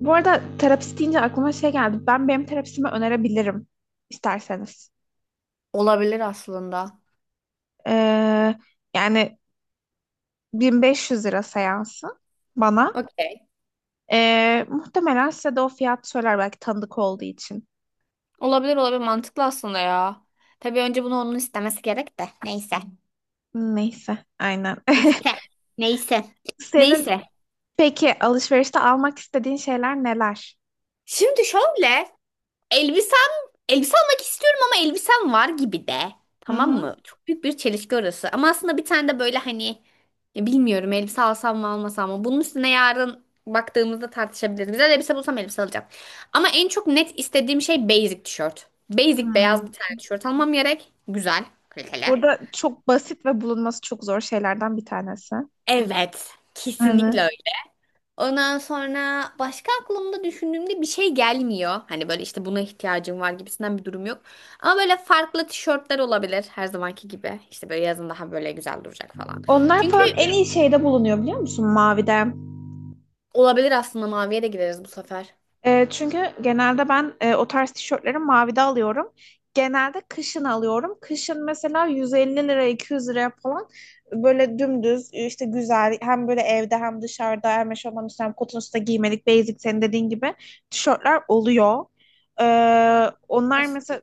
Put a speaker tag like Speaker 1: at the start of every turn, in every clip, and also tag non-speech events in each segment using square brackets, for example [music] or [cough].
Speaker 1: Bu arada terapist deyince aklıma şey geldi. Ben benim terapistime önerebilirim isterseniz.
Speaker 2: Olabilir aslında.
Speaker 1: Ee, yani 1500 lira seansı bana.
Speaker 2: Okey.
Speaker 1: Muhtemelen size de o fiyat söyler belki tanıdık olduğu için.
Speaker 2: Olabilir olabilir mantıklı aslında ya. Tabii önce bunu onun istemesi gerek de. Neyse.
Speaker 1: Neyse, aynen.
Speaker 2: İşte. Neyse.
Speaker 1: [laughs] Senin
Speaker 2: Neyse.
Speaker 1: peki alışverişte almak istediğin şeyler neler?
Speaker 2: Şimdi şöyle. Elbisem, elbise almak istiyorum ama elbisem var gibi de.
Speaker 1: Hı
Speaker 2: Tamam
Speaker 1: hı.
Speaker 2: mı? Çok büyük bir çelişki orası. Ama aslında bir tane de böyle hani ya bilmiyorum elbise alsam mı almasam mı. Bunun üstüne yarın baktığımızda tartışabiliriz. Güzel elbise bulsam elbise alacağım. Ama en çok net istediğim şey basic tişört. Basic beyaz
Speaker 1: Hmm.
Speaker 2: bir tane tişört almam gerek. Güzel, kaliteli.
Speaker 1: Burada çok basit ve bulunması çok zor şeylerden bir tanesi.
Speaker 2: Evet,
Speaker 1: Hı
Speaker 2: kesinlikle.
Speaker 1: hı.
Speaker 2: Ondan sonra başka aklımda düşündüğümde bir şey gelmiyor. Hani böyle işte buna ihtiyacım var gibisinden bir durum yok. Ama böyle farklı tişörtler olabilir her zamanki gibi. İşte böyle yazın daha böyle güzel duracak falan.
Speaker 1: Onlar
Speaker 2: Çünkü
Speaker 1: falan en iyi şeyde bulunuyor biliyor musun? Mavide.
Speaker 2: olabilir aslında maviye de gideriz bu sefer.
Speaker 1: Çünkü genelde ben o tarz tişörtleri mavide alıyorum. Genelde kışın alıyorum. Kışın mesela 150 lira 200 liraya falan böyle dümdüz işte güzel hem böyle evde hem dışarıda hem eşofman üstüne hem kotun üstüne giymelik basic senin dediğin gibi tişörtler oluyor. E, onlar mesela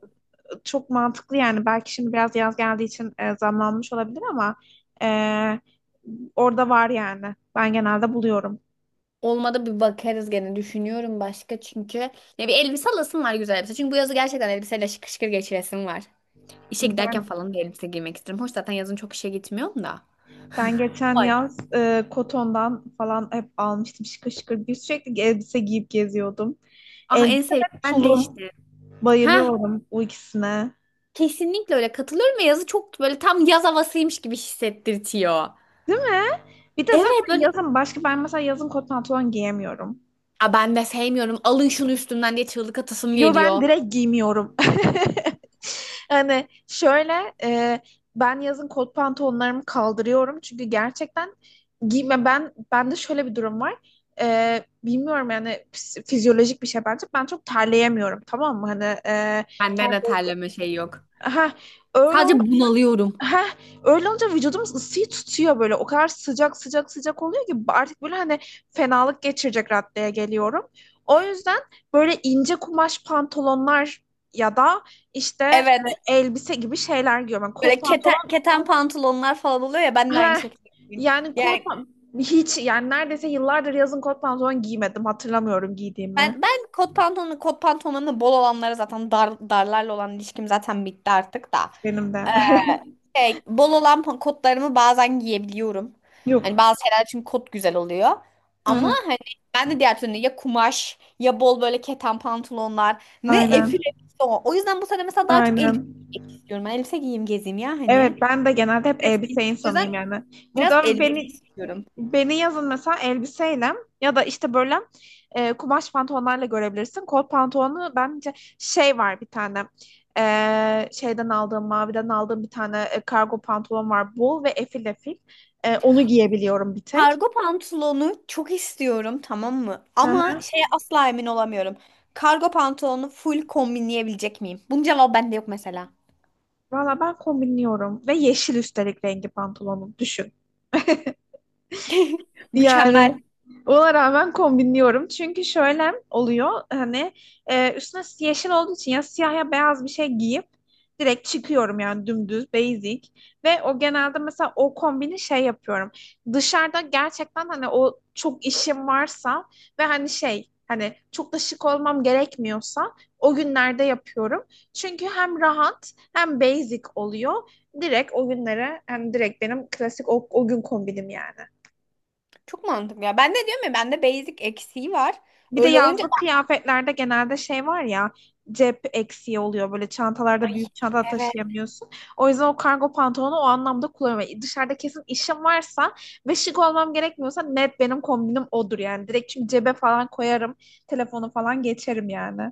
Speaker 1: çok mantıklı yani belki şimdi biraz yaz geldiği için zamlanmış olabilir ama e, orada var yani. Ben genelde buluyorum.
Speaker 2: Olmadı bir bakarız gene düşünüyorum başka çünkü. Ya bir elbise alasım var güzel elbise. Çünkü bu yazı gerçekten elbiseyle şıkır şıkır geçiresim var. İşe giderken
Speaker 1: Ben
Speaker 2: falan bir elbise giymek istiyorum. Hoş zaten yazın çok işe gitmiyorum da.
Speaker 1: Ben geçen
Speaker 2: Vay.
Speaker 1: yaz Koton'dan falan hep almıştım şıkır şıkır bir sürekli elbise giyip geziyordum.
Speaker 2: Ah en
Speaker 1: Elbise
Speaker 2: sevdiğim
Speaker 1: ve
Speaker 2: ben
Speaker 1: tulum.
Speaker 2: değişti.
Speaker 1: Bayılıyorum bu ikisine.
Speaker 2: Kesinlikle öyle katılıyorum ve yazı çok böyle tam yaz havasıymış gibi hissettirtiyor.
Speaker 1: Değil mi? Bir de zaten
Speaker 2: Evet böyle,
Speaker 1: yazın başka ben mesela yazın kot pantolon giyemiyorum.
Speaker 2: "Aa, ben de sevmiyorum alın şunu üstümden" diye çığlık atasım
Speaker 1: Yo, ben
Speaker 2: geliyor.
Speaker 1: direkt giymiyorum. [laughs] Hani şöyle ben yazın kot pantolonlarımı kaldırıyorum çünkü gerçekten giyme ben bende şöyle bir durum var. Bilmiyorum yani fizyolojik bir şey bence. Ben çok terleyemiyorum tamam mı? Hani
Speaker 2: Bende
Speaker 1: ter-
Speaker 2: de terleme şey yok.
Speaker 1: ha, öyle.
Speaker 2: Sadece bunalıyorum.
Speaker 1: Heh, öyle olunca vücudumuz ısıyı tutuyor böyle. O kadar sıcak sıcak sıcak oluyor ki artık böyle hani fenalık geçirecek raddeye geliyorum. O yüzden böyle ince kumaş pantolonlar ya da işte
Speaker 2: Evet.
Speaker 1: elbise gibi şeyler giyiyorum. Yani kot
Speaker 2: Böyle keten,
Speaker 1: pantolon
Speaker 2: keten pantolonlar falan oluyor ya ben de aynı
Speaker 1: heh,
Speaker 2: şekilde.
Speaker 1: yani
Speaker 2: Yani
Speaker 1: hiç yani neredeyse yıllardır yazın kot pantolon giymedim. Hatırlamıyorum giydiğimi
Speaker 2: ben kot pantolonlarını bol olanlara zaten dar, darlarla olan ilişkim zaten bitti artık da.
Speaker 1: benim de.
Speaker 2: E, bol olan kotlarımı bazen giyebiliyorum.
Speaker 1: [laughs]
Speaker 2: Hani
Speaker 1: Yok.
Speaker 2: bazı şeyler için kot güzel oluyor.
Speaker 1: Hı
Speaker 2: Ama
Speaker 1: hı,
Speaker 2: hani ben de diğer türlü ya kumaş ya bol böyle keten pantolonlar ne efil
Speaker 1: aynen,
Speaker 2: elbise o. O yüzden bu sene mesela daha çok elbise
Speaker 1: aynen.
Speaker 2: giymek istiyorum. Ben elbise giyeyim gezeyim ya
Speaker 1: Evet
Speaker 2: hani.
Speaker 1: ben de genelde hep elbise
Speaker 2: O
Speaker 1: insanıyım
Speaker 2: yüzden
Speaker 1: yani. Bu
Speaker 2: biraz elbise
Speaker 1: beni
Speaker 2: istiyorum.
Speaker 1: Beni yazın mesela elbiseyle ya da işte böyle kumaş pantolonlarla görebilirsin. Kot pantolonu bence şey var bir tane. Şeyden aldığım, maviden aldığım bir tane kargo pantolon var. Bol ve efil efil. Onu giyebiliyorum bir tek.
Speaker 2: Kargo pantolonu çok istiyorum tamam mı?
Speaker 1: Hı
Speaker 2: Ama
Speaker 1: hı.
Speaker 2: şeye asla emin olamıyorum. Kargo pantolonu full kombinleyebilecek miyim? Bunun cevabı bende yok mesela.
Speaker 1: Valla ben kombinliyorum. Ve yeşil üstelik rengi pantolonu. Düşün.
Speaker 2: [laughs] Mükemmel.
Speaker 1: Yani ona rağmen kombinliyorum. Çünkü şöyle oluyor hani üstüne yeşil olduğu için ya siyah ya beyaz bir şey giyip direkt çıkıyorum yani dümdüz basic ve o genelde mesela o kombini şey yapıyorum. Dışarıda gerçekten hani o çok işim varsa ve hani şey hani çok da şık olmam gerekmiyorsa o günlerde yapıyorum. Çünkü hem rahat hem basic oluyor. Direkt o günlere hani direkt benim klasik o gün kombinim yani.
Speaker 2: Çok mantıklı ya. Ben de diyorum ya bende basic eksiği var.
Speaker 1: Bir de
Speaker 2: Öyle olunca,
Speaker 1: yazlık kıyafetlerde genelde şey var ya cep eksiği oluyor böyle çantalarda
Speaker 2: ay,
Speaker 1: büyük çanta
Speaker 2: evet
Speaker 1: taşıyamıyorsun. O yüzden o kargo pantolonu o anlamda kullanıyorum. Yani dışarıda kesin işim varsa ve şık olmam gerekmiyorsa net benim kombinim odur yani. Direkt çünkü cebe falan koyarım telefonu falan geçerim yani.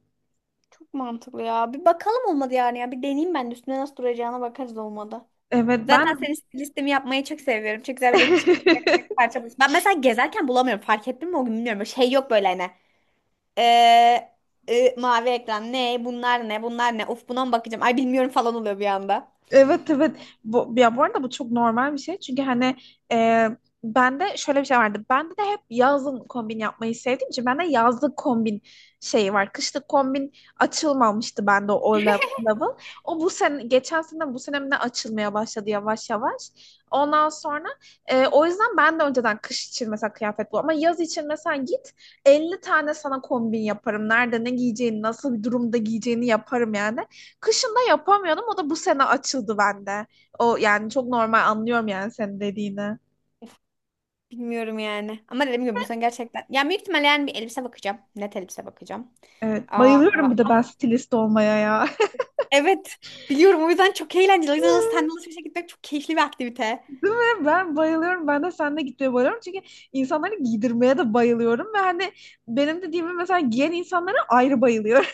Speaker 2: çok mantıklı ya. Bir bakalım olmadı yani ya. Bir deneyeyim ben de üstüne nasıl duracağına bakarız olmadı.
Speaker 1: Evet
Speaker 2: Zaten
Speaker 1: ben
Speaker 2: senin stilistimi yapmayı çok seviyorum. Çok güzel böyle çık
Speaker 1: [laughs]
Speaker 2: parça buluyorsun. Ben mesela gezerken bulamıyorum. Fark ettin mi o gün bilmiyorum. Böyle şey yok böyle hani. Ee, mavi ekran ne? Bunlar ne? Bunlar ne? Uf buna mı bakacağım? Ay bilmiyorum falan oluyor bir anda.
Speaker 1: Evet, evet. Bu, ya bu arada bu çok normal bir şey. Çünkü hani e, bende şöyle bir şey vardı. Bende de hep yazın kombin yapmayı sevdiğim için bende yazlık kombin şeyi var. Kışlık kombin açılmamıştı bende o level. O bu sene, geçen sene bu sene mi ne açılmaya başladı yavaş yavaş. Ondan sonra o yüzden ben de önceden kış için mesela kıyafet bul. Ama yaz için mesela git 50 tane sana kombin yaparım. Nerede ne giyeceğini, nasıl bir durumda giyeceğini yaparım yani. Kışında yapamıyordum. O da bu sene açıldı bende. O yani çok normal anlıyorum yani senin dediğini.
Speaker 2: Bilmiyorum yani. Ama dediğim gibi bu sene gerçekten. Ya büyük ihtimalle yani bir elbise bakacağım. Net elbise bakacağım.
Speaker 1: Evet,
Speaker 2: Aa,
Speaker 1: bayılıyorum bir de ben stilist olmaya ya. [laughs]
Speaker 2: evet. Biliyorum o yüzden çok eğlenceli. O yüzden alışverişe alışverişe gitmek çok keyifli bir aktivite.
Speaker 1: Değil mi? Ben bayılıyorum. Ben de seninle gitmeye bayılıyorum. Çünkü insanları giydirmeye de bayılıyorum. Ve hani benim dediğimi mesela giyen insanlara ayrı bayılıyorum.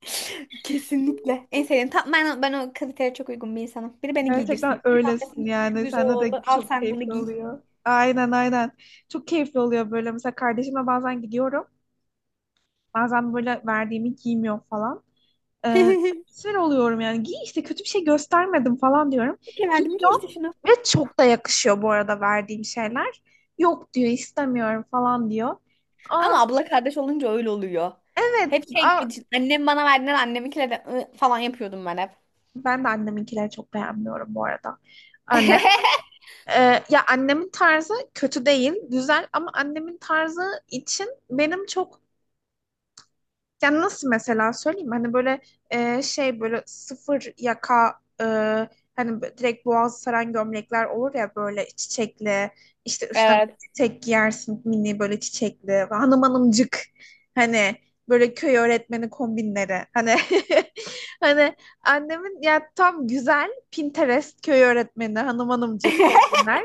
Speaker 2: [laughs] Kesinlikle. En sevdiğim. Tam ben o kaliteye çok uygun bir insanım. Biri
Speaker 1: [laughs]
Speaker 2: beni giydirsin.
Speaker 1: Gerçekten
Speaker 2: Biri bana desin
Speaker 1: öylesin
Speaker 2: ki şu
Speaker 1: yani.
Speaker 2: güzel
Speaker 1: Sende de
Speaker 2: oldu. Al
Speaker 1: çok
Speaker 2: sen bunu
Speaker 1: keyifli
Speaker 2: giy.
Speaker 1: oluyor. Aynen, aynen. Çok keyifli oluyor böyle. Mesela kardeşimle bazen gidiyorum. Bazen böyle verdiğimi giymiyor falan. Ee,
Speaker 2: [laughs]
Speaker 1: sinir oluyorum yani. Giy işte kötü bir şey göstermedim falan diyorum.
Speaker 2: Peki verdim giy
Speaker 1: Giyiyor
Speaker 2: işte şunu.
Speaker 1: ve çok da yakışıyor bu arada verdiğim şeyler. Yok diyor istemiyorum falan diyor. Aa,
Speaker 2: Ama abla kardeş olunca öyle oluyor.
Speaker 1: evet.
Speaker 2: Hep şey
Speaker 1: Aa,
Speaker 2: gibi düşün, annem bana verdiler anneminkiyle de falan yapıyordum ben hep.
Speaker 1: ben de anneminkileri çok beğenmiyorum bu arada. Anne.
Speaker 2: [laughs]
Speaker 1: e, Ya annemin tarzı kötü değil, güzel ama annemin tarzı için benim çok. Yani nasıl mesela söyleyeyim hani böyle şey böyle sıfır yaka hani böyle direkt boğazı saran gömlekler olur ya böyle çiçekli işte üstüne
Speaker 2: Evet.
Speaker 1: çiçek giyersin mini böyle çiçekli hanım hanımcık hani böyle köy öğretmeni kombinleri hani [laughs] hani annemin ya tam güzel Pinterest köy öğretmeni hanım hanımcık
Speaker 2: [laughs]
Speaker 1: kombinler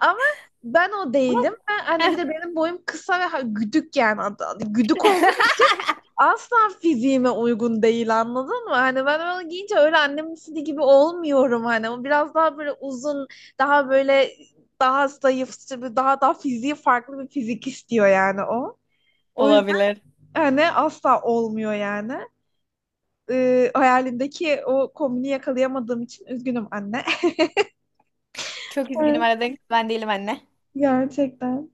Speaker 1: ama ben o
Speaker 2: Ama-
Speaker 1: değilim ben hani bir de benim boyum kısa ve güdük yani güdük olduğum
Speaker 2: [laughs]
Speaker 1: için asla fiziğime uygun değil anladın mı? Hani ben onu giyince öyle annemin istediği gibi olmuyorum hani. O biraz daha böyle uzun, daha böyle daha zayıf, işte bir daha fiziği farklı bir fizik istiyor yani o. O yüzden
Speaker 2: Olabilir.
Speaker 1: hani asla olmuyor yani. Hayalimdeki o kombini yakalayamadığım için üzgünüm anne. [laughs]
Speaker 2: Çok üzgünüm
Speaker 1: Evet,
Speaker 2: aradığın kız ben değilim anne.
Speaker 1: gerçekten.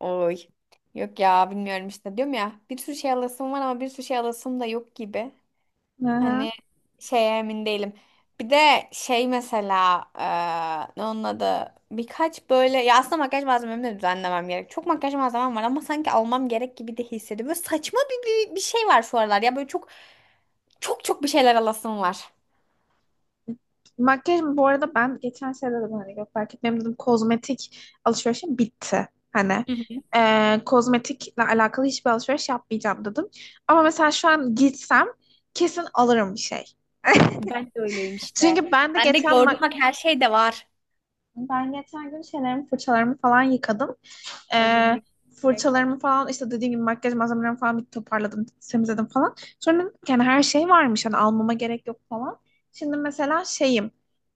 Speaker 2: Oy. Yok ya bilmiyorum işte diyorum ya bir sürü şey alasım var ama bir sürü şey alasım da yok gibi.
Speaker 1: Aha.
Speaker 2: Hani şeye emin değilim. Bir de şey mesela ne onun adı birkaç böyle ya aslında makyaj malzememi de düzenlemem gerek. Çok makyaj malzemem var ama sanki almam gerek gibi de hissediyorum. Böyle saçma bir şey var şu aralar ya böyle çok çok çok bir şeyler alasım var.
Speaker 1: Makyaj bu arada ben geçen sene dedim hani fark etmem dedim kozmetik alışverişim bitti. Hani
Speaker 2: Hı hı.
Speaker 1: kozmetikle alakalı hiçbir alışveriş yapmayacağım dedim. Ama mesela şu an gitsem kesin alırım bir şey.
Speaker 2: Ben de öyleyim işte.
Speaker 1: Çünkü
Speaker 2: Ben de gördüm bak her şey de var.
Speaker 1: ben geçen gün şeylerimi fırçalarımı falan yıkadım.
Speaker 2: Ay benim
Speaker 1: Eee,
Speaker 2: de.
Speaker 1: fırçalarımı falan işte dediğim gibi makyaj malzemelerimi falan bir toparladım temizledim falan. Sonra dedim ki, yani her şey varmış hani almama gerek yok falan. Şimdi mesela şeyim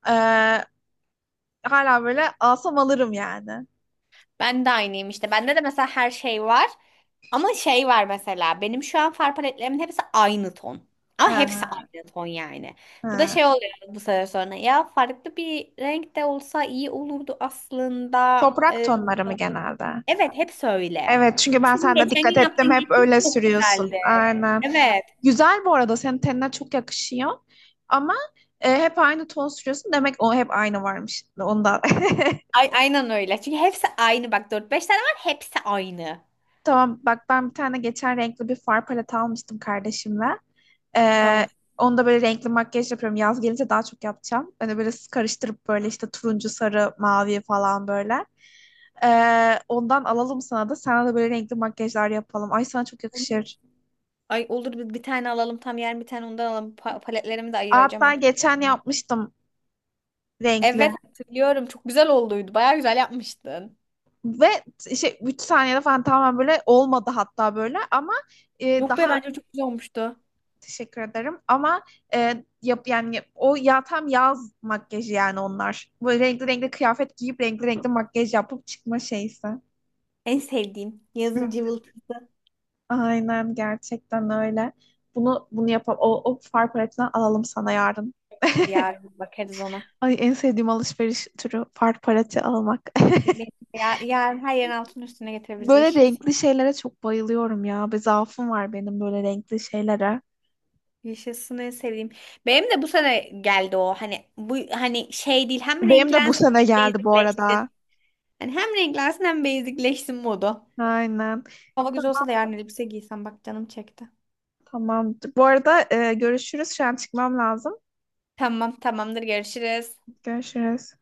Speaker 1: eee, hala böyle alsam alırım yani.
Speaker 2: Ben de aynıyım işte. Bende de mesela her şey var. Ama şey var mesela. Benim şu an far paletlerimin hepsi aynı ton. Ama hepsi
Speaker 1: Ha,
Speaker 2: aynı ton yani. Bu da
Speaker 1: ha.
Speaker 2: şey oluyor bu sefer sonra. Ya farklı bir renk de olsa iyi olurdu aslında.
Speaker 1: Toprak tonları mı genelde?
Speaker 2: Evet hepsi öyle.
Speaker 1: Evet çünkü ben
Speaker 2: Senin
Speaker 1: sende
Speaker 2: geçen gün
Speaker 1: dikkat ettim
Speaker 2: yaptığın
Speaker 1: hep
Speaker 2: yeşil
Speaker 1: öyle
Speaker 2: çok
Speaker 1: sürüyorsun.
Speaker 2: güzeldi.
Speaker 1: Aynen.
Speaker 2: Evet.
Speaker 1: Güzel bu arada senin tenine çok yakışıyor. Ama hep aynı ton sürüyorsun. Demek o hep aynı varmış. Onda. [laughs]
Speaker 2: Ay, aynen öyle. Çünkü hepsi aynı. Bak dört beş tane var hepsi aynı.
Speaker 1: Tamam bak ben bir tane geçen renkli bir far paleti almıştım kardeşimle. Ee,
Speaker 2: Tamam.
Speaker 1: onu böyle renkli makyaj yapıyorum. Yaz gelince daha çok yapacağım. Hani böyle karıştırıp böyle işte turuncu, sarı, mavi falan böyle. Ondan alalım sana da. Sana da böyle renkli makyajlar yapalım. Ay, sana çok yakışır.
Speaker 2: Ay olur bir tane alalım tam yer bir tane ondan alalım. Paletlerimi de ayıracağım
Speaker 1: Hatta
Speaker 2: artık.
Speaker 1: geçen yapmıştım renkli.
Speaker 2: Evet hatırlıyorum. Çok güzel olduydu. Bayağı güzel yapmıştın.
Speaker 1: Ve şey 3 saniyede falan tamamen böyle olmadı hatta böyle. Ama
Speaker 2: Yok
Speaker 1: daha
Speaker 2: be bence çok güzel olmuştu.
Speaker 1: teşekkür ederim. Ama yani o ya tam yaz makyajı yani onlar. Böyle renkli renkli kıyafet giyip renkli renkli makyaj yapıp çıkma şeysi.
Speaker 2: En sevdiğim yazın cıvıltısı.
Speaker 1: Aynen, gerçekten öyle. Bunu yapalım. O far paletinden alalım sana yarın.
Speaker 2: Olur yarın bakarız ona.
Speaker 1: Ay, en sevdiğim alışveriş türü far paleti almak. [laughs]
Speaker 2: Benim de ya, yarın her yerin altının üstüne getirebiliriz.
Speaker 1: Böyle
Speaker 2: Yaşasın.
Speaker 1: renkli şeylere çok bayılıyorum ya. Bir zaafım var benim böyle renkli şeylere.
Speaker 2: Yaşasın en sevdiğim. Benim de bu sene geldi o. Hani bu hani şey değil. Hem
Speaker 1: Benim de bu
Speaker 2: renklensin
Speaker 1: sene
Speaker 2: hem
Speaker 1: geldi bu
Speaker 2: basicleşsin.
Speaker 1: arada.
Speaker 2: Hani hem renklensin hem basicleşsin modu.
Speaker 1: Aynen.
Speaker 2: Hava güzel
Speaker 1: Tamam.
Speaker 2: olsa da yarın elbise giysem bak canım çekti.
Speaker 1: Tamam. Bu arada görüşürüz. Şu an çıkmam lazım.
Speaker 2: Tamam tamamdır görüşürüz.
Speaker 1: Görüşürüz.